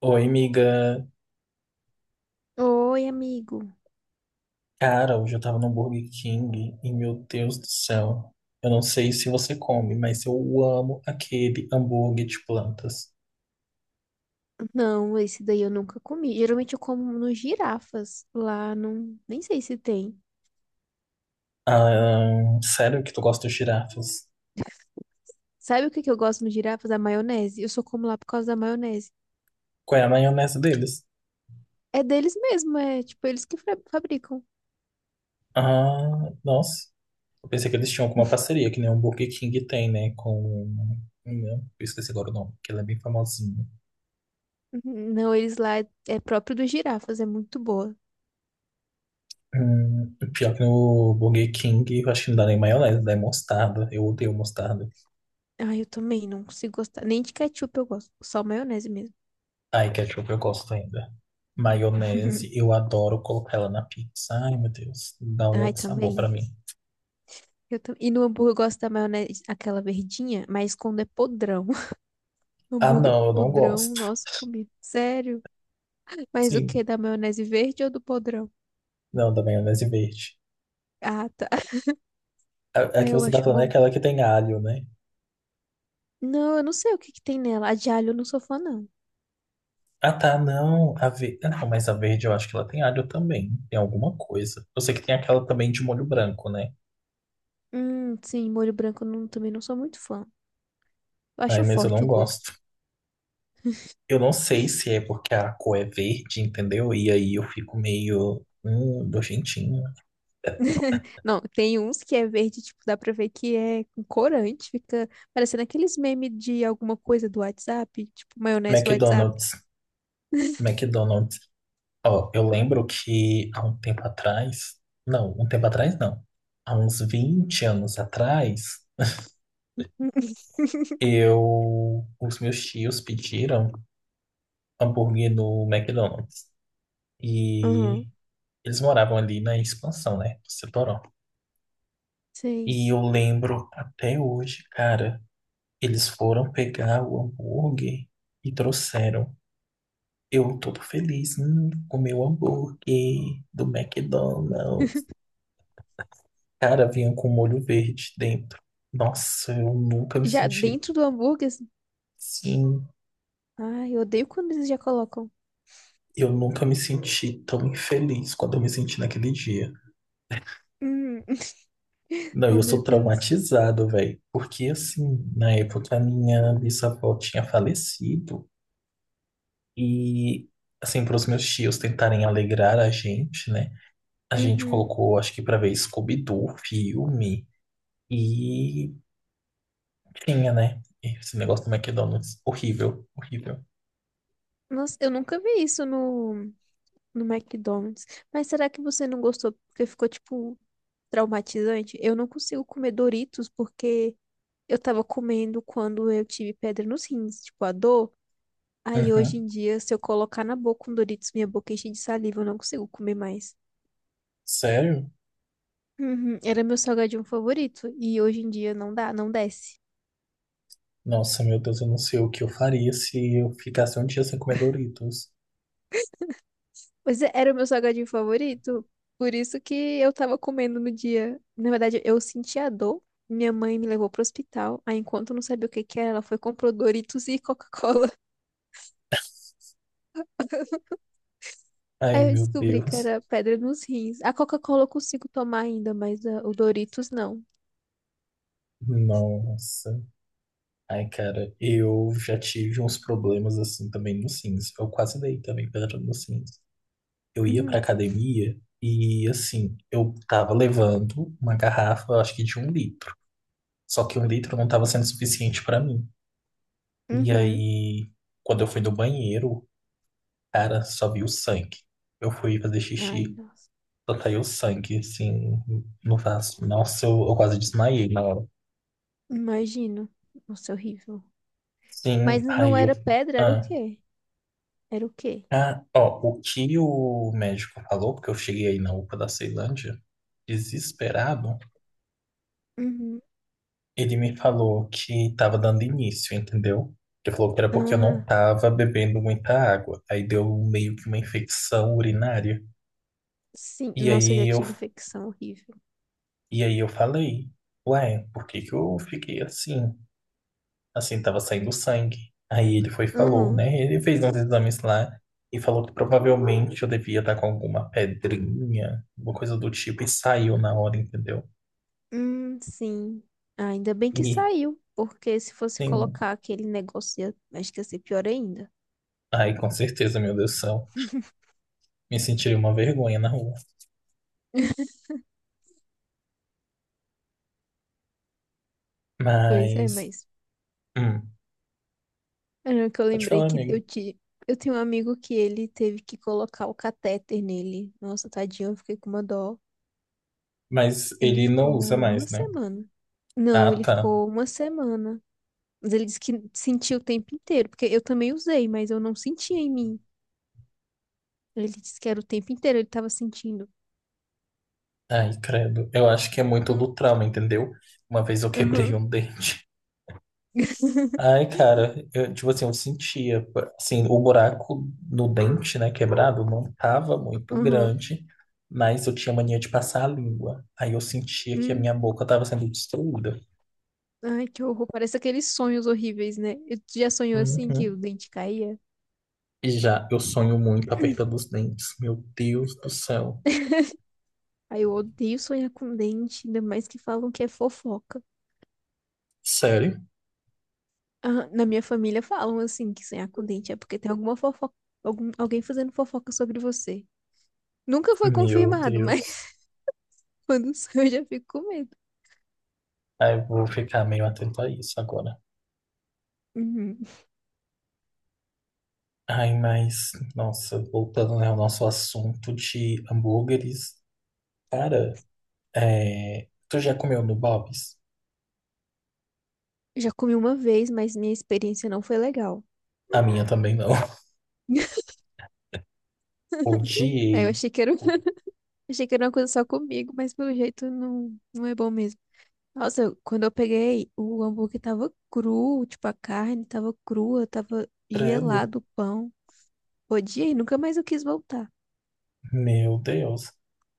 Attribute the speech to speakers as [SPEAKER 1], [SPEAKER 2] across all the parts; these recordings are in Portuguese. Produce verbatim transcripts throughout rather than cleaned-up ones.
[SPEAKER 1] Oi, amiga.
[SPEAKER 2] Oi, amigo.
[SPEAKER 1] Cara, hoje eu tava no Burger King e, meu Deus do céu, eu não sei se você come, mas eu amo aquele hambúrguer de plantas.
[SPEAKER 2] Não, esse daí eu nunca comi. Geralmente eu como nos girafas. Lá não, nem sei se tem.
[SPEAKER 1] Ah, sério que tu gosta de girafas?
[SPEAKER 2] Sabe o que que eu gosto nos girafas? A maionese. Eu só como lá por causa da maionese.
[SPEAKER 1] Qual é a maionese deles?
[SPEAKER 2] É deles mesmo, é tipo eles que fa- fabricam.
[SPEAKER 1] Ah, nossa. Eu pensei que eles tinham alguma parceria, que nem o Burger King tem, né? Com. Hum, Eu esqueci agora o nome, porque ele é bem famosinho.
[SPEAKER 2] Uhum. Não, eles lá é, é próprio dos girafas, é muito boa.
[SPEAKER 1] Hum, pior que no Burger King, eu acho que não dá nem maionese, dá mostarda. Eu odeio mostarda.
[SPEAKER 2] Ai, eu também não consigo gostar. Nem de ketchup eu gosto, só maionese mesmo.
[SPEAKER 1] Ai, ketchup eu gosto ainda. Maionese, eu adoro colocar ela na pizza. Ai, meu Deus, dá um
[SPEAKER 2] Ai,
[SPEAKER 1] outro sabor pra
[SPEAKER 2] também.
[SPEAKER 1] mim.
[SPEAKER 2] Eu tam- E no hambúrguer eu gosto da maionese, aquela verdinha, mas quando é podrão.
[SPEAKER 1] Ah,
[SPEAKER 2] Hambúrguer
[SPEAKER 1] não, eu não
[SPEAKER 2] podrão,
[SPEAKER 1] gosto.
[SPEAKER 2] nossa comida. Sério. Mas o
[SPEAKER 1] Sim,
[SPEAKER 2] que? Da maionese verde ou do podrão?
[SPEAKER 1] não, da maionese verde.
[SPEAKER 2] Ah, tá.
[SPEAKER 1] A, a
[SPEAKER 2] Ah,
[SPEAKER 1] que
[SPEAKER 2] eu
[SPEAKER 1] você tá
[SPEAKER 2] acho
[SPEAKER 1] falando é
[SPEAKER 2] bom.
[SPEAKER 1] aquela que tem alho, né?
[SPEAKER 2] Não, eu não sei o que que tem nela. A de alho eu não sou fã, não.
[SPEAKER 1] Ah, tá, não. A ver... Não, mas a verde eu acho que ela tem alho também. Tem alguma coisa. Eu sei que tem aquela também de molho branco, né?
[SPEAKER 2] Hum, sim, molho branco eu não, também não sou muito fã. Eu
[SPEAKER 1] Ai,
[SPEAKER 2] acho
[SPEAKER 1] mas eu
[SPEAKER 2] forte
[SPEAKER 1] não
[SPEAKER 2] o gosto.
[SPEAKER 1] gosto. Eu não sei se é porque a cor é verde, entendeu? E aí eu fico meio. Hum, nojentinho.
[SPEAKER 2] Não, tem uns que é verde, tipo, dá pra ver que é com corante. Fica parecendo aqueles memes de alguma coisa do WhatsApp, tipo, maionese do WhatsApp.
[SPEAKER 1] McDonald's. McDonald's. Ó, eu lembro que há um tempo atrás, não, um tempo atrás não, há uns vinte anos atrás, eu, os meus tios pediram hambúrguer no McDonald's e
[SPEAKER 2] Aham,
[SPEAKER 1] eles moravam ali na expansão, né, do Setorão.
[SPEAKER 2] sei.
[SPEAKER 1] E eu lembro até hoje, cara, eles foram pegar o hambúrguer e trouxeram. Eu todo feliz, hum, comi o hambúrguer do McDonald's. Cara, vinha com molho verde dentro. Nossa, eu nunca me
[SPEAKER 2] Já
[SPEAKER 1] senti.
[SPEAKER 2] dentro do hambúrguer, assim,
[SPEAKER 1] Sim,
[SPEAKER 2] ai, eu odeio quando eles já colocam.
[SPEAKER 1] eu nunca me senti tão infeliz quando eu me senti naquele dia.
[SPEAKER 2] Hum.
[SPEAKER 1] Não,
[SPEAKER 2] Oh,
[SPEAKER 1] eu
[SPEAKER 2] meu
[SPEAKER 1] sou
[SPEAKER 2] Deus.
[SPEAKER 1] traumatizado, velho. Porque, assim, na época a minha bisavó tinha falecido. E, assim, para os meus tios tentarem alegrar a gente, né? A gente
[SPEAKER 2] Uhum.
[SPEAKER 1] colocou, acho que pra ver Scooby-Doo, filme. E tinha, né? Esse negócio do McDonald's. Horrível, horrível.
[SPEAKER 2] Nossa, eu nunca vi isso no, no McDonald's. Mas será que você não gostou porque ficou, tipo, traumatizante? Eu não consigo comer Doritos porque eu tava comendo quando eu tive pedra nos rins, tipo, a dor. Aí hoje
[SPEAKER 1] Uhum.
[SPEAKER 2] em dia, se eu colocar na boca um Doritos, minha boca enche de saliva, eu não consigo comer mais.
[SPEAKER 1] Sério?
[SPEAKER 2] Uhum, era meu salgadinho favorito e hoje em dia não dá, não desce.
[SPEAKER 1] Nossa, meu Deus, eu não sei o que eu faria se eu ficasse um dia sem comer Doritos.
[SPEAKER 2] Pois é, era o meu salgadinho favorito. Por isso que eu tava comendo no dia. Na verdade, eu senti a dor. Minha mãe me levou pro hospital. Aí, enquanto eu não sabia o que que era, ela foi e comprou Doritos e Coca-Cola.
[SPEAKER 1] Ai,
[SPEAKER 2] Aí eu
[SPEAKER 1] meu
[SPEAKER 2] descobri que
[SPEAKER 1] Deus.
[SPEAKER 2] era pedra nos rins. A Coca-Cola eu consigo tomar ainda, mas ah, o Doritos não.
[SPEAKER 1] Nossa. Ai, cara, eu já tive uns problemas assim também no Sims. Eu quase dei também pedra no Sims. Eu ia pra
[SPEAKER 2] Hum,
[SPEAKER 1] academia e, assim, eu tava levando uma garrafa, eu acho que de um litro. Só que um litro não tava sendo suficiente pra mim. E
[SPEAKER 2] uhum.
[SPEAKER 1] aí, quando eu fui no banheiro, cara, só vi o sangue. Eu fui fazer xixi.
[SPEAKER 2] Ai, nossa.
[SPEAKER 1] Só caiu sangue, assim, no vaso. Nossa, eu, eu quase desmaiei na hora.
[SPEAKER 2] Imagino. Nossa, é horrível.
[SPEAKER 1] Sim,
[SPEAKER 2] Mas não
[SPEAKER 1] aí eu.
[SPEAKER 2] era pedra, era o
[SPEAKER 1] Ah,
[SPEAKER 2] quê? Era o quê?
[SPEAKER 1] ah, ó, o que o médico falou, porque eu cheguei aí na UPA da Ceilândia, desesperado,
[SPEAKER 2] Uhum.
[SPEAKER 1] ele me falou que tava dando início, entendeu? Ele falou que era porque eu não
[SPEAKER 2] Ah,
[SPEAKER 1] tava bebendo muita água. Aí deu meio que uma infecção urinária.
[SPEAKER 2] sim.
[SPEAKER 1] E
[SPEAKER 2] Nossa, eu já
[SPEAKER 1] aí eu,
[SPEAKER 2] tive infecção horrível.
[SPEAKER 1] e aí eu falei, ué, por que que eu fiquei assim? Assim, tava saindo sangue. Aí ele foi e falou,
[SPEAKER 2] Uhum.
[SPEAKER 1] né? Ele fez uns exames lá e falou que provavelmente eu devia estar com alguma pedrinha, alguma coisa do tipo, e saiu na hora, entendeu?
[SPEAKER 2] Hum, sim. Ah, ainda bem que
[SPEAKER 1] E
[SPEAKER 2] saiu, porque se fosse
[SPEAKER 1] sim,
[SPEAKER 2] colocar aquele negócio, ia- acho que ia ser pior ainda.
[SPEAKER 1] aí com certeza, meu Deus do céu, me senti uma vergonha na rua.
[SPEAKER 2] Pois é,
[SPEAKER 1] Mas,
[SPEAKER 2] mas
[SPEAKER 1] hum,
[SPEAKER 2] era que eu
[SPEAKER 1] pode
[SPEAKER 2] lembrei
[SPEAKER 1] falar,
[SPEAKER 2] que eu
[SPEAKER 1] amigo.
[SPEAKER 2] te... eu tenho um amigo que ele teve que colocar o catéter nele. Nossa, tadinho, eu fiquei com uma dó.
[SPEAKER 1] Mas
[SPEAKER 2] Ele
[SPEAKER 1] ele
[SPEAKER 2] ficou
[SPEAKER 1] não usa
[SPEAKER 2] uma
[SPEAKER 1] mais, né?
[SPEAKER 2] semana. Não,
[SPEAKER 1] Ah,
[SPEAKER 2] ele
[SPEAKER 1] tá.
[SPEAKER 2] ficou uma semana. Mas ele disse que sentiu o tempo inteiro, porque eu também usei, mas eu não sentia em mim. Ele disse que era o tempo inteiro, ele tava sentindo.
[SPEAKER 1] Ai, credo. Eu acho que é muito do
[SPEAKER 2] Hum.
[SPEAKER 1] trauma, entendeu? Uma vez eu quebrei
[SPEAKER 2] Aham.
[SPEAKER 1] um dente. Ai, cara, eu, tipo assim, eu sentia, assim, o buraco no dente, né, quebrado, não tava muito
[SPEAKER 2] Aham.
[SPEAKER 1] grande, mas eu tinha mania de passar a língua. Aí eu sentia que a minha
[SPEAKER 2] Uhum.
[SPEAKER 1] boca tava sendo destruída.
[SPEAKER 2] Ai, que horror. Parece aqueles sonhos horríveis, né? Eu- já sonhou assim que o
[SPEAKER 1] Uhum.
[SPEAKER 2] dente caía?
[SPEAKER 1] E já, eu sonho muito apertando os dentes. Meu Deus do céu.
[SPEAKER 2] Ai, eu odeio sonhar com dente, ainda mais que falam que é fofoca.
[SPEAKER 1] Sério?
[SPEAKER 2] Ah, na minha família falam assim que sonhar com dente é porque tem alguma fofoca, algum, alguém fazendo fofoca sobre você. Nunca foi
[SPEAKER 1] Meu
[SPEAKER 2] confirmado, mas
[SPEAKER 1] Deus.
[SPEAKER 2] quando sonho eu já fico com medo.
[SPEAKER 1] Aí eu vou ficar meio atento a isso agora.
[SPEAKER 2] Uhum.
[SPEAKER 1] Ai, mas, nossa, voltando, né, ao nosso assunto de hambúrgueres, cara, é... Tu já comeu no Bob's?
[SPEAKER 2] Já comi uma vez, mas minha experiência não foi legal.
[SPEAKER 1] A minha também não.
[SPEAKER 2] Aí eu
[SPEAKER 1] Odiei.
[SPEAKER 2] achei que era,
[SPEAKER 1] O
[SPEAKER 2] achei que era uma coisa só comigo, mas pelo jeito não, não é bom mesmo. Nossa, quando eu peguei, o hambúrguer tava cru, tipo, a carne tava crua, tava
[SPEAKER 1] Credo.
[SPEAKER 2] gelado o pão. Odiei, nunca mais eu quis voltar.
[SPEAKER 1] Meu Deus.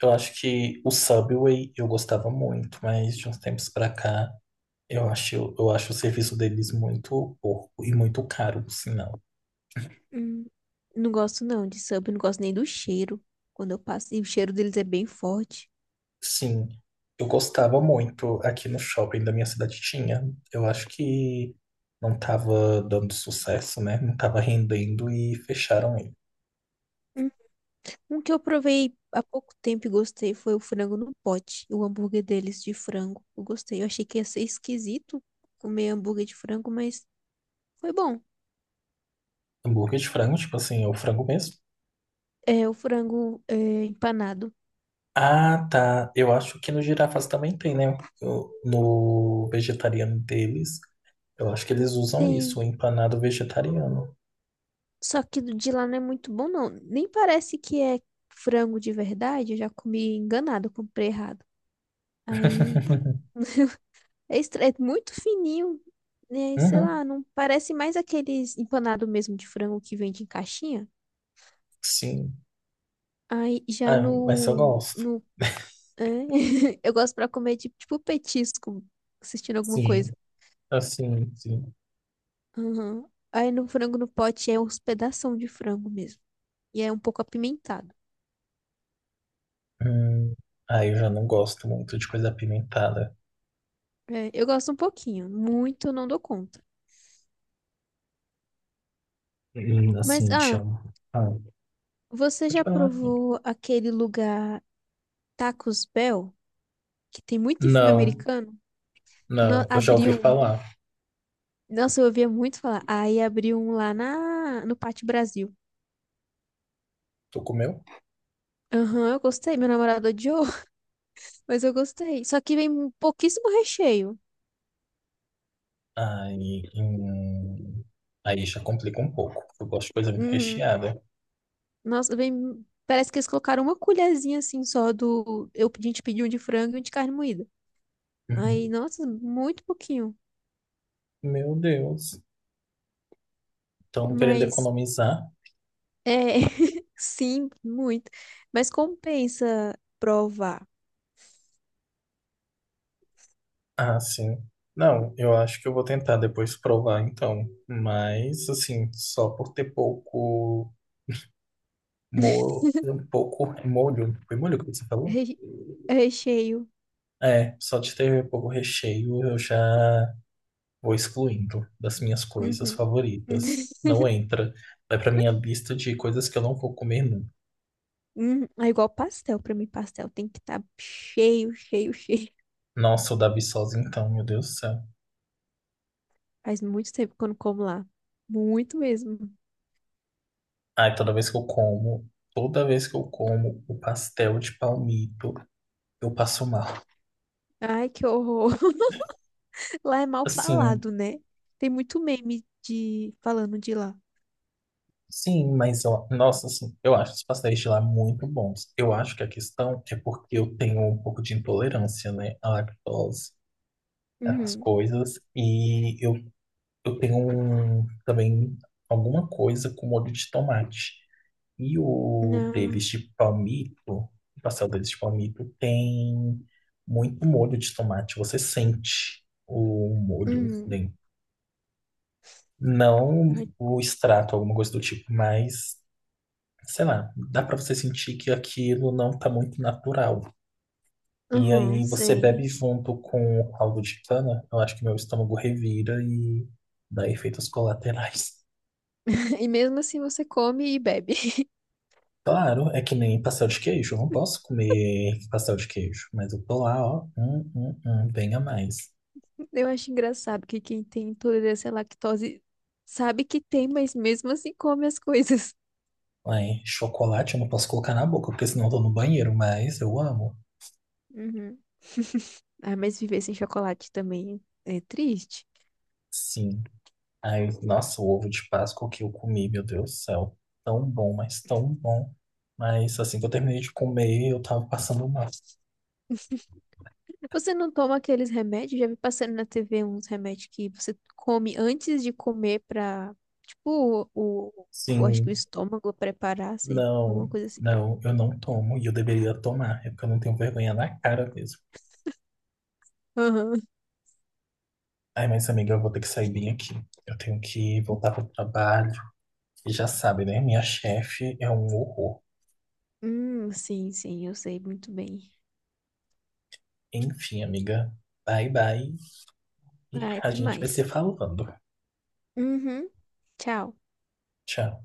[SPEAKER 1] Eu acho que o Subway eu gostava muito, mas de uns tempos pra cá eu acho, eu acho o serviço deles muito porco e muito caro, por sinal.
[SPEAKER 2] Hum. Não gosto não de sub, não gosto nem do cheiro. Quando eu passo, e o cheiro deles é bem forte.
[SPEAKER 1] Sim, eu gostava muito. Aqui no shopping da minha cidade tinha. Eu acho que não tava dando sucesso, né? Não tava rendendo e fecharam ele.
[SPEAKER 2] Hum. Um que eu provei há pouco tempo e gostei foi o frango no pote, o hambúrguer deles de frango. Eu gostei. Eu achei que ia ser esquisito comer hambúrguer de frango, mas foi bom.
[SPEAKER 1] Hambúrguer de frango, tipo assim, é o frango mesmo.
[SPEAKER 2] É o frango é, empanado.
[SPEAKER 1] Ah, tá. Eu acho que no girafas também tem, né? Eu- No vegetariano deles, eu acho que eles usam isso,
[SPEAKER 2] Tem.
[SPEAKER 1] o empanado vegetariano.
[SPEAKER 2] Só que do de lá não é muito bom, não. Nem parece que é frango de verdade. Eu já comi enganado, eu comprei errado. Aí é, estra- é muito fininho. Né? Sei
[SPEAKER 1] Uhum,
[SPEAKER 2] lá, não parece mais aqueles empanado mesmo de frango que vende em caixinha.
[SPEAKER 1] sim.
[SPEAKER 2] Aí já
[SPEAKER 1] Ah, mas eu
[SPEAKER 2] no,
[SPEAKER 1] gosto.
[SPEAKER 2] no é, eu gosto pra comer de, tipo petisco, assistindo alguma
[SPEAKER 1] Sim,
[SPEAKER 2] coisa.
[SPEAKER 1] assim, sim.
[SPEAKER 2] Aham. Aí no frango no pote é uns pedação de frango mesmo. E é um pouco apimentado.
[SPEAKER 1] Hum, ah, eu já não gosto muito de coisa apimentada.
[SPEAKER 2] É, eu gosto um pouquinho, muito eu não dou conta.
[SPEAKER 1] Hum,
[SPEAKER 2] Mas,
[SPEAKER 1] Assim, de
[SPEAKER 2] ah,
[SPEAKER 1] um... Ah,
[SPEAKER 2] você
[SPEAKER 1] pode
[SPEAKER 2] já
[SPEAKER 1] falar.
[SPEAKER 2] provou aquele lugar Tacos Bell, que tem muito em filme
[SPEAKER 1] Não,
[SPEAKER 2] americano? No-
[SPEAKER 1] não. Eu já ouvi
[SPEAKER 2] abriu um.
[SPEAKER 1] falar.
[SPEAKER 2] Nossa, eu ouvia muito falar. Aí abriu um lá na, no Pátio Brasil.
[SPEAKER 1] Tu comeu?
[SPEAKER 2] Aham, eu gostei. Meu namorado odiou, mas eu gostei. Só que vem pouquíssimo recheio.
[SPEAKER 1] Aí, hum, aí já complica um pouco. Eu gosto de coisa muito
[SPEAKER 2] Uhum.
[SPEAKER 1] recheada.
[SPEAKER 2] Nossa, vem. Parece que eles colocaram uma colherzinha assim só do. Eu, a gente pediu um de frango e um de carne moída. Aí,
[SPEAKER 1] Uhum.
[SPEAKER 2] nossa, muito pouquinho.
[SPEAKER 1] Meu Deus. Estão querendo
[SPEAKER 2] Mas
[SPEAKER 1] economizar?
[SPEAKER 2] é, sim, muito. Mas compensa provar.
[SPEAKER 1] Ah, sim. Não, eu acho que eu vou tentar depois provar, então. Mas, assim, só por ter pouco molho, um pouco molho. Foi molho que você falou?
[SPEAKER 2] Re- Recheio.
[SPEAKER 1] É, só de ter pouco recheio eu já vou excluindo das minhas coisas
[SPEAKER 2] Uhum.
[SPEAKER 1] favoritas. Não entra. Vai pra minha lista de coisas que eu não vou comer nunca.
[SPEAKER 2] Hum, é igual pastel pra mim, pastel tem que estar cheio, cheio, cheio.
[SPEAKER 1] Nossa, o da Viçosa, então, meu Deus do céu.
[SPEAKER 2] Faz muito tempo que eu não como lá. Muito mesmo.
[SPEAKER 1] Ai, toda vez que eu como, toda vez que eu como o pastel de palmito, eu passo mal.
[SPEAKER 2] Ai, que horror. Lá é mal
[SPEAKER 1] Assim,
[SPEAKER 2] falado, né? Tem muito meme de falando de lá.
[SPEAKER 1] sim, mas eu, nossa, assim, eu acho os pastéis de lá muito bons. Eu acho que a questão é porque eu tenho um pouco de intolerância, né, à lactose, essas
[SPEAKER 2] Uhum.
[SPEAKER 1] coisas, e eu, eu tenho um, também alguma coisa com molho de tomate. E o deles
[SPEAKER 2] Não.
[SPEAKER 1] de palmito, o pastel deles de palmito, tem muito molho de tomate. Você sente o molho
[SPEAKER 2] Uhum.
[SPEAKER 1] dentro. Não
[SPEAKER 2] Ai,
[SPEAKER 1] o extrato, alguma coisa do tipo, mas, sei lá, dá pra você sentir que aquilo não tá muito natural. E
[SPEAKER 2] uhum,
[SPEAKER 1] aí você
[SPEAKER 2] sei.
[SPEAKER 1] bebe junto com o caldo de cana, eu acho que meu estômago revira e dá efeitos colaterais.
[SPEAKER 2] E mesmo assim você come e bebe.
[SPEAKER 1] Claro, é que nem pastel de queijo. Eu não posso comer pastel de queijo, mas eu tô lá, ó. Hum, hum, hum, venha mais.
[SPEAKER 2] Eu acho engraçado que quem tem intolerância à lactose sabe que tem, mas mesmo assim come as coisas.
[SPEAKER 1] Aí, chocolate eu não posso colocar na boca, porque senão eu tô no banheiro, mas eu amo.
[SPEAKER 2] Uhum. Ah, mas viver sem chocolate também é triste.
[SPEAKER 1] Sim. Aí, nossa, o ovo de Páscoa que eu comi, meu Deus do céu. Tão bom, mas tão bom. Mas assim que eu terminei de comer, eu tava passando mal.
[SPEAKER 2] Você não toma aqueles remédios? Já vi passando na T V uns remédios que você come antes de comer pra, tipo, o, o, eu acho que o
[SPEAKER 1] Sim,
[SPEAKER 2] estômago preparar, assim, alguma
[SPEAKER 1] não,
[SPEAKER 2] coisa assim.
[SPEAKER 1] não, eu não tomo e eu deveria tomar. É porque eu não tenho vergonha na cara mesmo.
[SPEAKER 2] Aham.
[SPEAKER 1] Ai, mas amiga, eu vou ter que sair bem aqui. Eu tenho que voltar pro trabalho. E já sabe, né? Minha chefe é um horror.
[SPEAKER 2] Hum, sim, sim, eu sei muito bem.
[SPEAKER 1] Enfim, amiga. Bye, bye. E
[SPEAKER 2] Ah,
[SPEAKER 1] a
[SPEAKER 2] até
[SPEAKER 1] gente vai se
[SPEAKER 2] mais.
[SPEAKER 1] falando.
[SPEAKER 2] Uhum. Tchau.
[SPEAKER 1] Tchau.